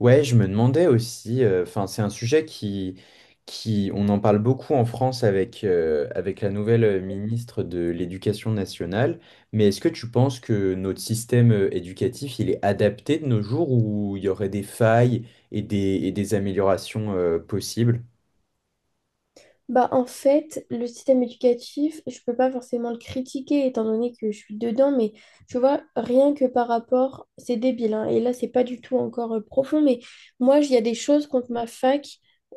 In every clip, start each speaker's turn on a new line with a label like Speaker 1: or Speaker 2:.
Speaker 1: Ouais, je me demandais aussi, c'est un sujet qui on en parle beaucoup en France avec, avec la nouvelle ministre de l'Éducation nationale, mais est-ce que tu penses que notre système éducatif, il est adapté de nos jours où il y aurait des failles et des améliorations, possibles?
Speaker 2: Bah, en fait, le système éducatif, je peux pas forcément le critiquer étant donné que je suis dedans, mais tu vois, rien que par rapport, c'est débile, hein, et là, c'est pas du tout encore profond, mais moi, il y a des choses contre ma fac,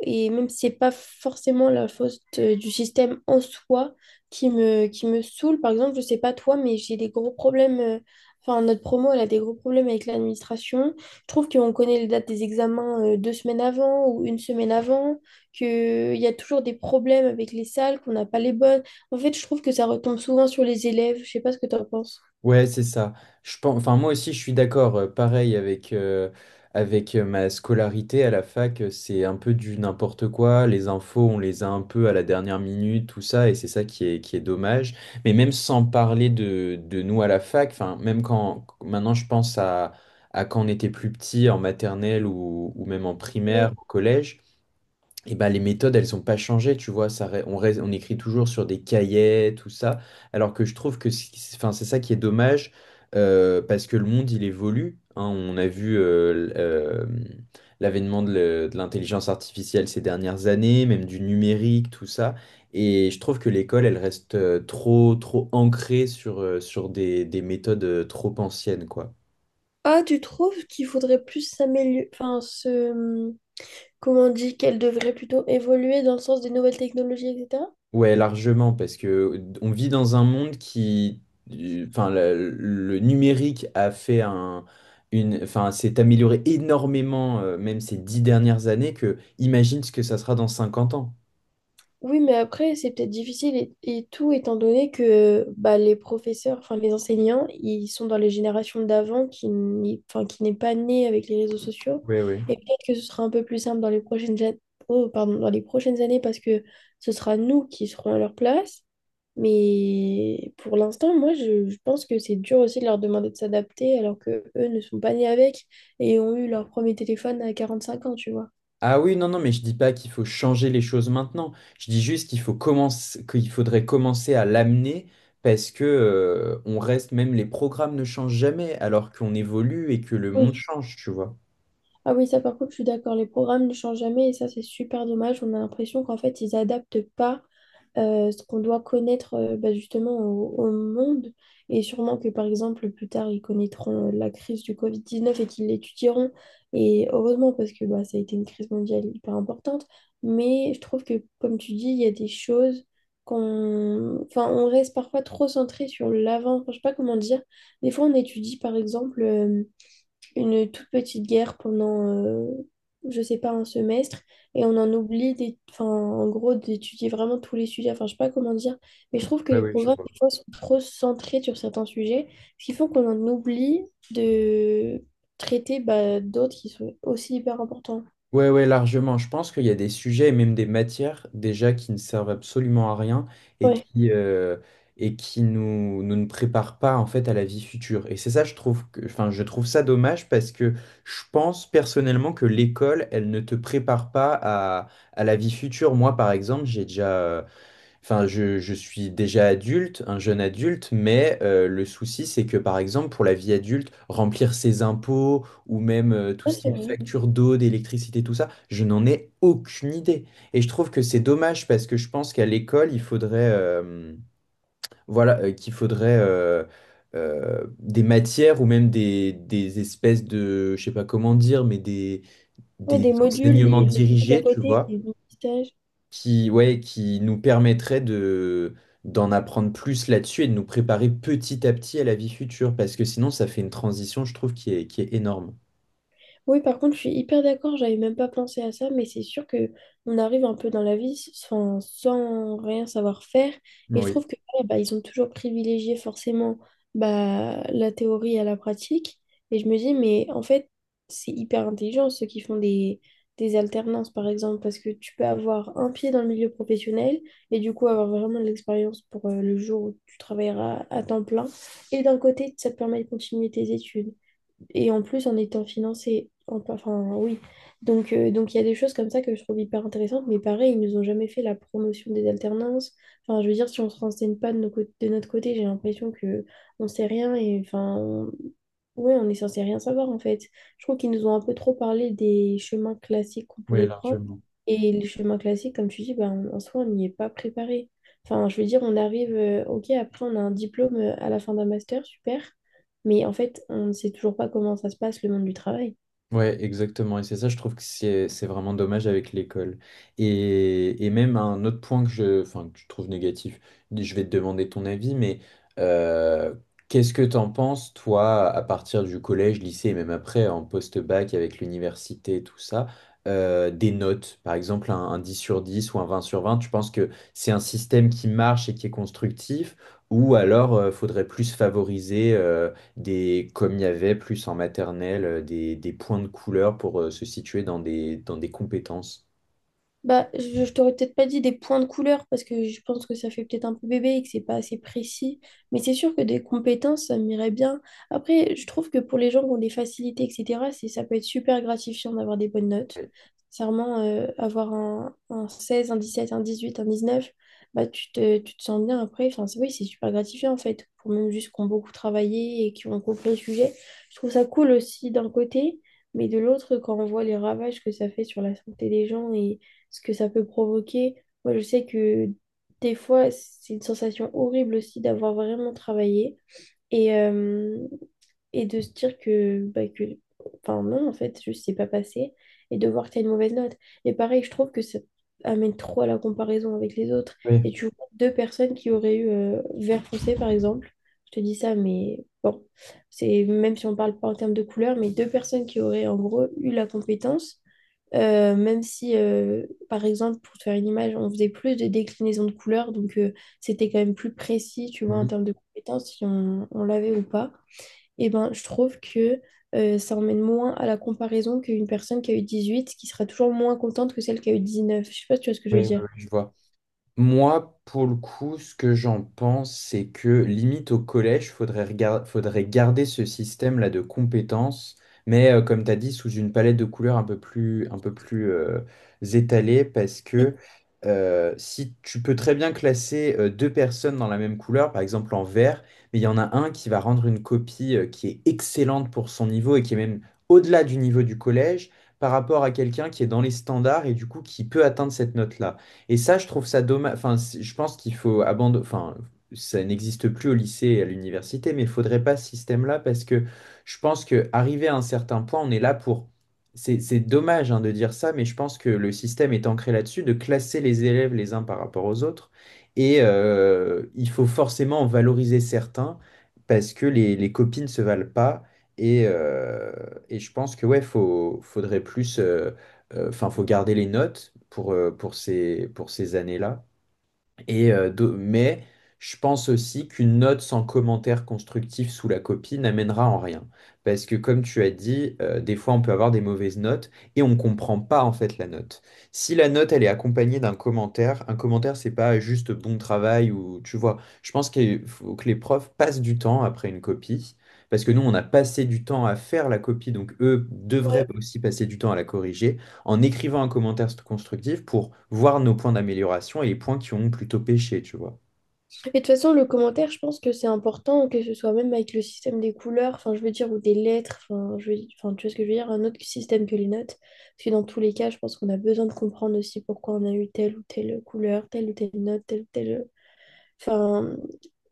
Speaker 2: et même si c'est pas forcément la faute du système en soi qui me saoule, par exemple, je sais pas toi, mais j'ai des gros problèmes, enfin, notre promo, elle a des gros problèmes avec l'administration. Je trouve qu'on connaît les dates des examens 2 semaines avant ou une semaine avant qu'il y a toujours des problèmes avec les salles, qu'on n'a pas les bonnes. En fait, je trouve que ça retombe souvent sur les élèves. Je sais pas ce que tu en penses.
Speaker 1: Ouais, c'est ça. Je pense, enfin, moi aussi, je suis d'accord. Pareil avec, avec ma scolarité à la fac, c'est un peu du n'importe quoi. Les infos, on les a un peu à la dernière minute, tout ça, et c'est ça qui est dommage. Mais même sans parler de nous à la fac, enfin, même quand maintenant à quand on était plus petit, en maternelle ou même en primaire,
Speaker 2: Mais-
Speaker 1: au collège. Et ben, les méthodes, elles n'ont pas changé, tu vois, ça, re- on, reste- on écrit toujours sur des cahiers, tout ça, alors que je trouve que c'est ça qui est dommage, parce que le monde, il évolue, hein, on a vu l'avènement de l'intelligence artificielle ces dernières années, même du numérique, tout ça, et je trouve que l'école, elle reste trop ancrée sur des méthodes trop anciennes, quoi.
Speaker 2: Ah, tu trouves qu'il faudrait plus s'améliorer, enfin, se… comment on dit, qu'elle devrait plutôt évoluer dans le sens des nouvelles technologies, etc.
Speaker 1: Ouais, largement, parce que on vit dans un monde qui, enfin, le numérique a fait s'est amélioré énormément, même ces dix dernières années, que imagine ce que ça sera dans 50 ans.
Speaker 2: Oui, mais après, c'est peut-être difficile et tout, étant donné que bah, les professeurs, enfin les enseignants, ils sont dans les générations d'avant qui n'est pas née avec les réseaux sociaux.
Speaker 1: Oui, oui.
Speaker 2: Et peut-être que ce sera un peu plus simple dans les prochaines, oh, pardon, dans les prochaines années parce que ce sera nous qui serons à leur place. Mais pour l'instant, moi, je pense que c'est dur aussi de leur demander de s'adapter alors que eux ne sont pas nés avec et ont eu leur premier téléphone à 45 ans, tu vois.
Speaker 1: Ah oui, non, non, mais je dis pas qu'il faut changer les choses maintenant. Je dis juste qu'il faut commencer, qu'il faudrait commencer à l'amener parce que, on reste, même les programmes ne changent jamais alors qu'on évolue et que le monde
Speaker 2: Oui.
Speaker 1: change, tu vois.
Speaker 2: Ah oui, ça par contre, je suis d'accord. Les programmes ne changent jamais et ça, c'est super dommage. On a l'impression qu'en fait, ils adaptent pas ce qu'on doit connaître bah, justement au monde. Et sûrement que, par exemple, plus tard, ils connaîtront la crise du Covid-19 et qu'ils l'étudieront. Et heureusement, parce que bah, ça a été une crise mondiale hyper importante. Mais je trouve que, comme tu dis, il y a des choses qu'on… Enfin, on reste parfois trop centré sur l'avant. Enfin, je sais pas comment dire. Des fois, on étudie, par exemple… une toute petite guerre pendant, je sais pas, un semestre, et on en oublie, enfin, en gros, d'étudier vraiment tous les sujets. Enfin, je sais pas comment dire, mais je trouve que
Speaker 1: Ouais,
Speaker 2: les
Speaker 1: ouais, je
Speaker 2: programmes,
Speaker 1: vois.
Speaker 2: des fois, sont trop centrés sur certains sujets, ce qui fait qu'on en oublie de traiter bah, d'autres qui sont aussi hyper importants.
Speaker 1: Ouais, ouais, largement. Je pense qu'il y a des sujets et même des matières déjà qui ne servent absolument à rien et
Speaker 2: Ouais,
Speaker 1: qui, euh, et qui nous ne préparent pas en fait à la vie future. Et c'est ça, je trouve je trouve ça dommage parce que je pense personnellement que l'école, elle ne te prépare pas à, à la vie future. Moi, par exemple, j'ai déjà, Enfin, je suis déjà adulte, un jeune adulte, mais le souci, c'est que par exemple, pour la vie adulte, remplir ses impôts ou même tout
Speaker 2: ça,
Speaker 1: ce qui
Speaker 2: c'est
Speaker 1: est
Speaker 2: vrai.
Speaker 1: facture d'eau, d'électricité, tout ça, je n'en ai aucune idée. Et je trouve que c'est dommage parce que je pense qu'à l'école, il faudrait, voilà, qu'il faudrait des matières ou même des, je sais pas comment dire,
Speaker 2: Ouais,
Speaker 1: des
Speaker 2: des modules,
Speaker 1: enseignements
Speaker 2: des trucs à
Speaker 1: dirigés, tu
Speaker 2: côté,
Speaker 1: vois
Speaker 2: des mini.
Speaker 1: qui, ouais, qui nous permettrait de, d'en apprendre plus là-dessus et de nous préparer petit à petit à la vie future, parce que sinon, ça fait une transition, je trouve, qui est énorme.
Speaker 2: Oui, par contre, je suis hyper d'accord, j'avais même pas pensé à ça, mais c'est sûr que on arrive un peu dans la vie sans rien savoir faire. Et je
Speaker 1: Oui,
Speaker 2: trouve que ouais, bah, ils ont toujours privilégié forcément bah, la théorie à la pratique. Et je me dis, mais en fait, c'est hyper intelligent ceux qui font des alternances, par exemple, parce que tu peux avoir un pied dans le milieu professionnel et du coup avoir vraiment de l'expérience pour le jour où tu travailleras à temps plein. Et d'un côté, ça te permet de continuer tes études. Et en plus, en étant financé, enfin oui. Donc il y a des choses comme ça que je trouve hyper intéressantes, mais pareil, ils nous ont jamais fait la promotion des alternances. Enfin, je veux dire, si on se renseigne pas de notre côté, j'ai l'impression que on sait rien et enfin, ouais, on est censé rien savoir en fait. Je trouve qu'ils nous ont un peu trop parlé des chemins classiques qu'on
Speaker 1: oui,
Speaker 2: pouvait prendre.
Speaker 1: largement.
Speaker 2: Et les chemins classiques, comme tu dis, ben, en soi, on n'y est pas préparé. Enfin, je veux dire, on arrive, ok, après, on a un diplôme à la fin d'un master, super. Mais en fait, on ne sait toujours pas comment ça se passe, le monde du travail.
Speaker 1: Ouais, exactement. Et c'est ça, je trouve que c'est vraiment dommage avec l'école. Et même un autre point que je trouve négatif, je vais te demander ton avis, mais euh, qu'est-ce que t'en penses, toi, à partir du collège, lycée, et même après, en post-bac, avec l'université, tout ça, des notes, par exemple un 10 sur 10 ou un 20 sur 20. Tu penses que c'est un système qui marche et qui est constructif, ou alors faudrait plus favoriser comme il y avait plus en maternelle, des points de couleur pour se situer dans des compétences.
Speaker 2: Bah, je t'aurais peut-être pas dit des points de couleur parce que je pense que ça fait peut-être un peu bébé et que c'est pas assez précis. Mais c'est sûr que des compétences, ça m'irait bien. Après, je trouve que pour les gens qui ont des facilités, etc., ça peut être super gratifiant d'avoir des bonnes notes.
Speaker 1: Ouais.
Speaker 2: Sincèrement, avoir un 16 un 17 un 18 un 19 bah, tu te sens bien après. Enfin, oui, c'est super gratifiant en fait. Pour même juste qui ont beaucoup travaillé et qui ont compris le sujet. Je trouve ça cool aussi d'un côté. Mais de l'autre, quand on voit les ravages que ça fait sur la santé des gens, ce que ça peut provoquer. Moi, je sais que des fois, c'est une sensation horrible aussi d'avoir vraiment travaillé et, euh, et de se dire que, enfin non, en fait, je sais pas passer et de voir que tu as une mauvaise note. Et pareil, je trouve que ça amène trop à la comparaison avec les autres.
Speaker 1: Oui,
Speaker 2: Et tu vois deux personnes qui auraient eu vert foncé, par exemple. Je te dis ça, mais bon, c'est même si on parle pas en termes de couleur, mais deux personnes qui auraient en gros eu la compétence, même si, par exemple, pour te faire une image, on faisait plus de déclinaisons de couleurs, donc c'était quand même plus précis, tu vois, en
Speaker 1: mhm.
Speaker 2: termes de compétences, si on l'avait ou pas. Et ben, je trouve que ça emmène moins à la comparaison qu'une personne qui a eu 18, qui sera toujours moins contente que celle qui a eu 19. Je sais pas si tu vois ce que je
Speaker 1: Oui,
Speaker 2: veux
Speaker 1: oui,
Speaker 2: dire.
Speaker 1: oui, je vois. Moi, pour le coup, ce que j'en pense, c'est que limite au collège, faudrait garder ce système-là de compétences, mais comme tu as dit, sous une palette de couleurs un peu plus étalée, parce
Speaker 2: Oui.
Speaker 1: que si tu peux très bien classer deux personnes dans la même couleur, par exemple en vert, mais il y en a un qui va rendre une copie qui est excellente pour son niveau et qui est même au-delà du niveau du collège, par rapport à quelqu'un qui est dans les standards et du coup qui peut atteindre cette note-là. Et ça, je trouve ça dommage. Enfin, c'est- je pense qu'il faut abandonner. Enfin, ça n'existe plus au lycée et à l'université, mais il faudrait pas ce système-là parce que je pense que arrivé à un certain point, on est là pour. C'est dommage hein, de dire ça, mais je pense que le système est ancré là-dessus, de classer les élèves les uns par rapport aux autres. Et il faut forcément en valoriser certains parce que les copies ne se valent pas. Et, euh, et je pense que ouais, faudrait plus. Enfin, faut garder les notes pour, pour ces années-là. Mais je pense aussi qu'une note sans commentaire constructif sous la copie n'amènera en rien. Parce que comme tu as dit, des fois on peut avoir des mauvaises notes et on ne comprend pas en fait la note. Si la note elle est accompagnée d'un commentaire, un commentaire c'est pas juste bon travail ou tu vois. Je pense qu'il faut que les profs passent du temps après une copie. Parce que nous, on a passé du temps à faire la copie, donc eux devraient aussi passer du temps à la corriger en écrivant un commentaire constructif pour voir nos points d'amélioration et les points qui ont plutôt péché, tu vois.
Speaker 2: Et de toute façon, le commentaire, je pense que c'est important, que ce soit même avec le système des couleurs, enfin, je veux dire, ou des lettres, enfin, enfin, tu vois ce que je veux dire, un autre système que les notes. Parce que dans tous les cas, je pense qu'on a besoin de comprendre aussi pourquoi on a eu telle ou telle couleur, telle ou telle note, telle ou telle. Enfin,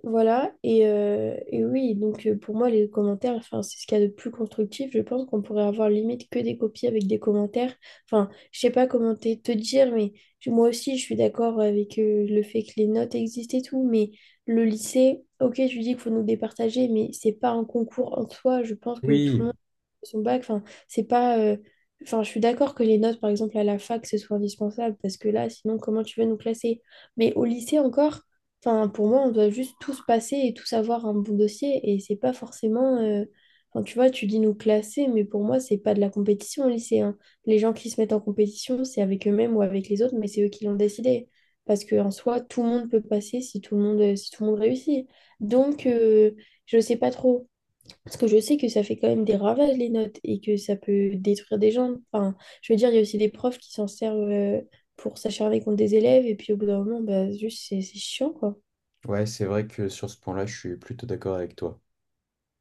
Speaker 2: voilà. Et oui, donc pour moi, les commentaires, enfin, c'est ce qu'il y a de plus constructif. Je pense qu'on pourrait avoir limite que des copies avec des commentaires. Enfin, je sais pas comment te dire, mais moi aussi, je suis d'accord avec le fait que les notes existent et tout. Mais le lycée, ok, je lui dis qu'il faut nous départager, mais c'est pas un concours en soi. Je pense que tout le
Speaker 1: Oui,
Speaker 2: monde son bac. Enfin, c'est pas. Enfin, je suis d'accord que les notes, par exemple, à la fac, ce soit indispensable, parce que là, sinon, comment tu veux nous classer? Mais au lycée encore, enfin, pour moi, on doit juste tous passer et tous avoir un bon dossier, et c'est pas forcément. Enfin, tu vois, tu dis nous classer, mais pour moi, c'est pas de la compétition au lycée, hein. Les gens qui se mettent en compétition, c'est avec eux-mêmes ou avec les autres, mais c'est eux qui l'ont décidé. Parce que en soi, tout le monde peut passer si tout le monde, si tout le monde réussit. Donc, je sais pas trop. Parce que je sais que ça fait quand même des ravages, les notes, et que ça peut détruire des gens. Enfin, je veux dire, il y a aussi des profs qui s'en servent pour s'acharner contre des élèves, et puis au bout d'un moment, bah, juste, c'est chiant, quoi.
Speaker 1: ouais, c'est vrai que sur ce point-là, je suis plutôt d'accord avec toi.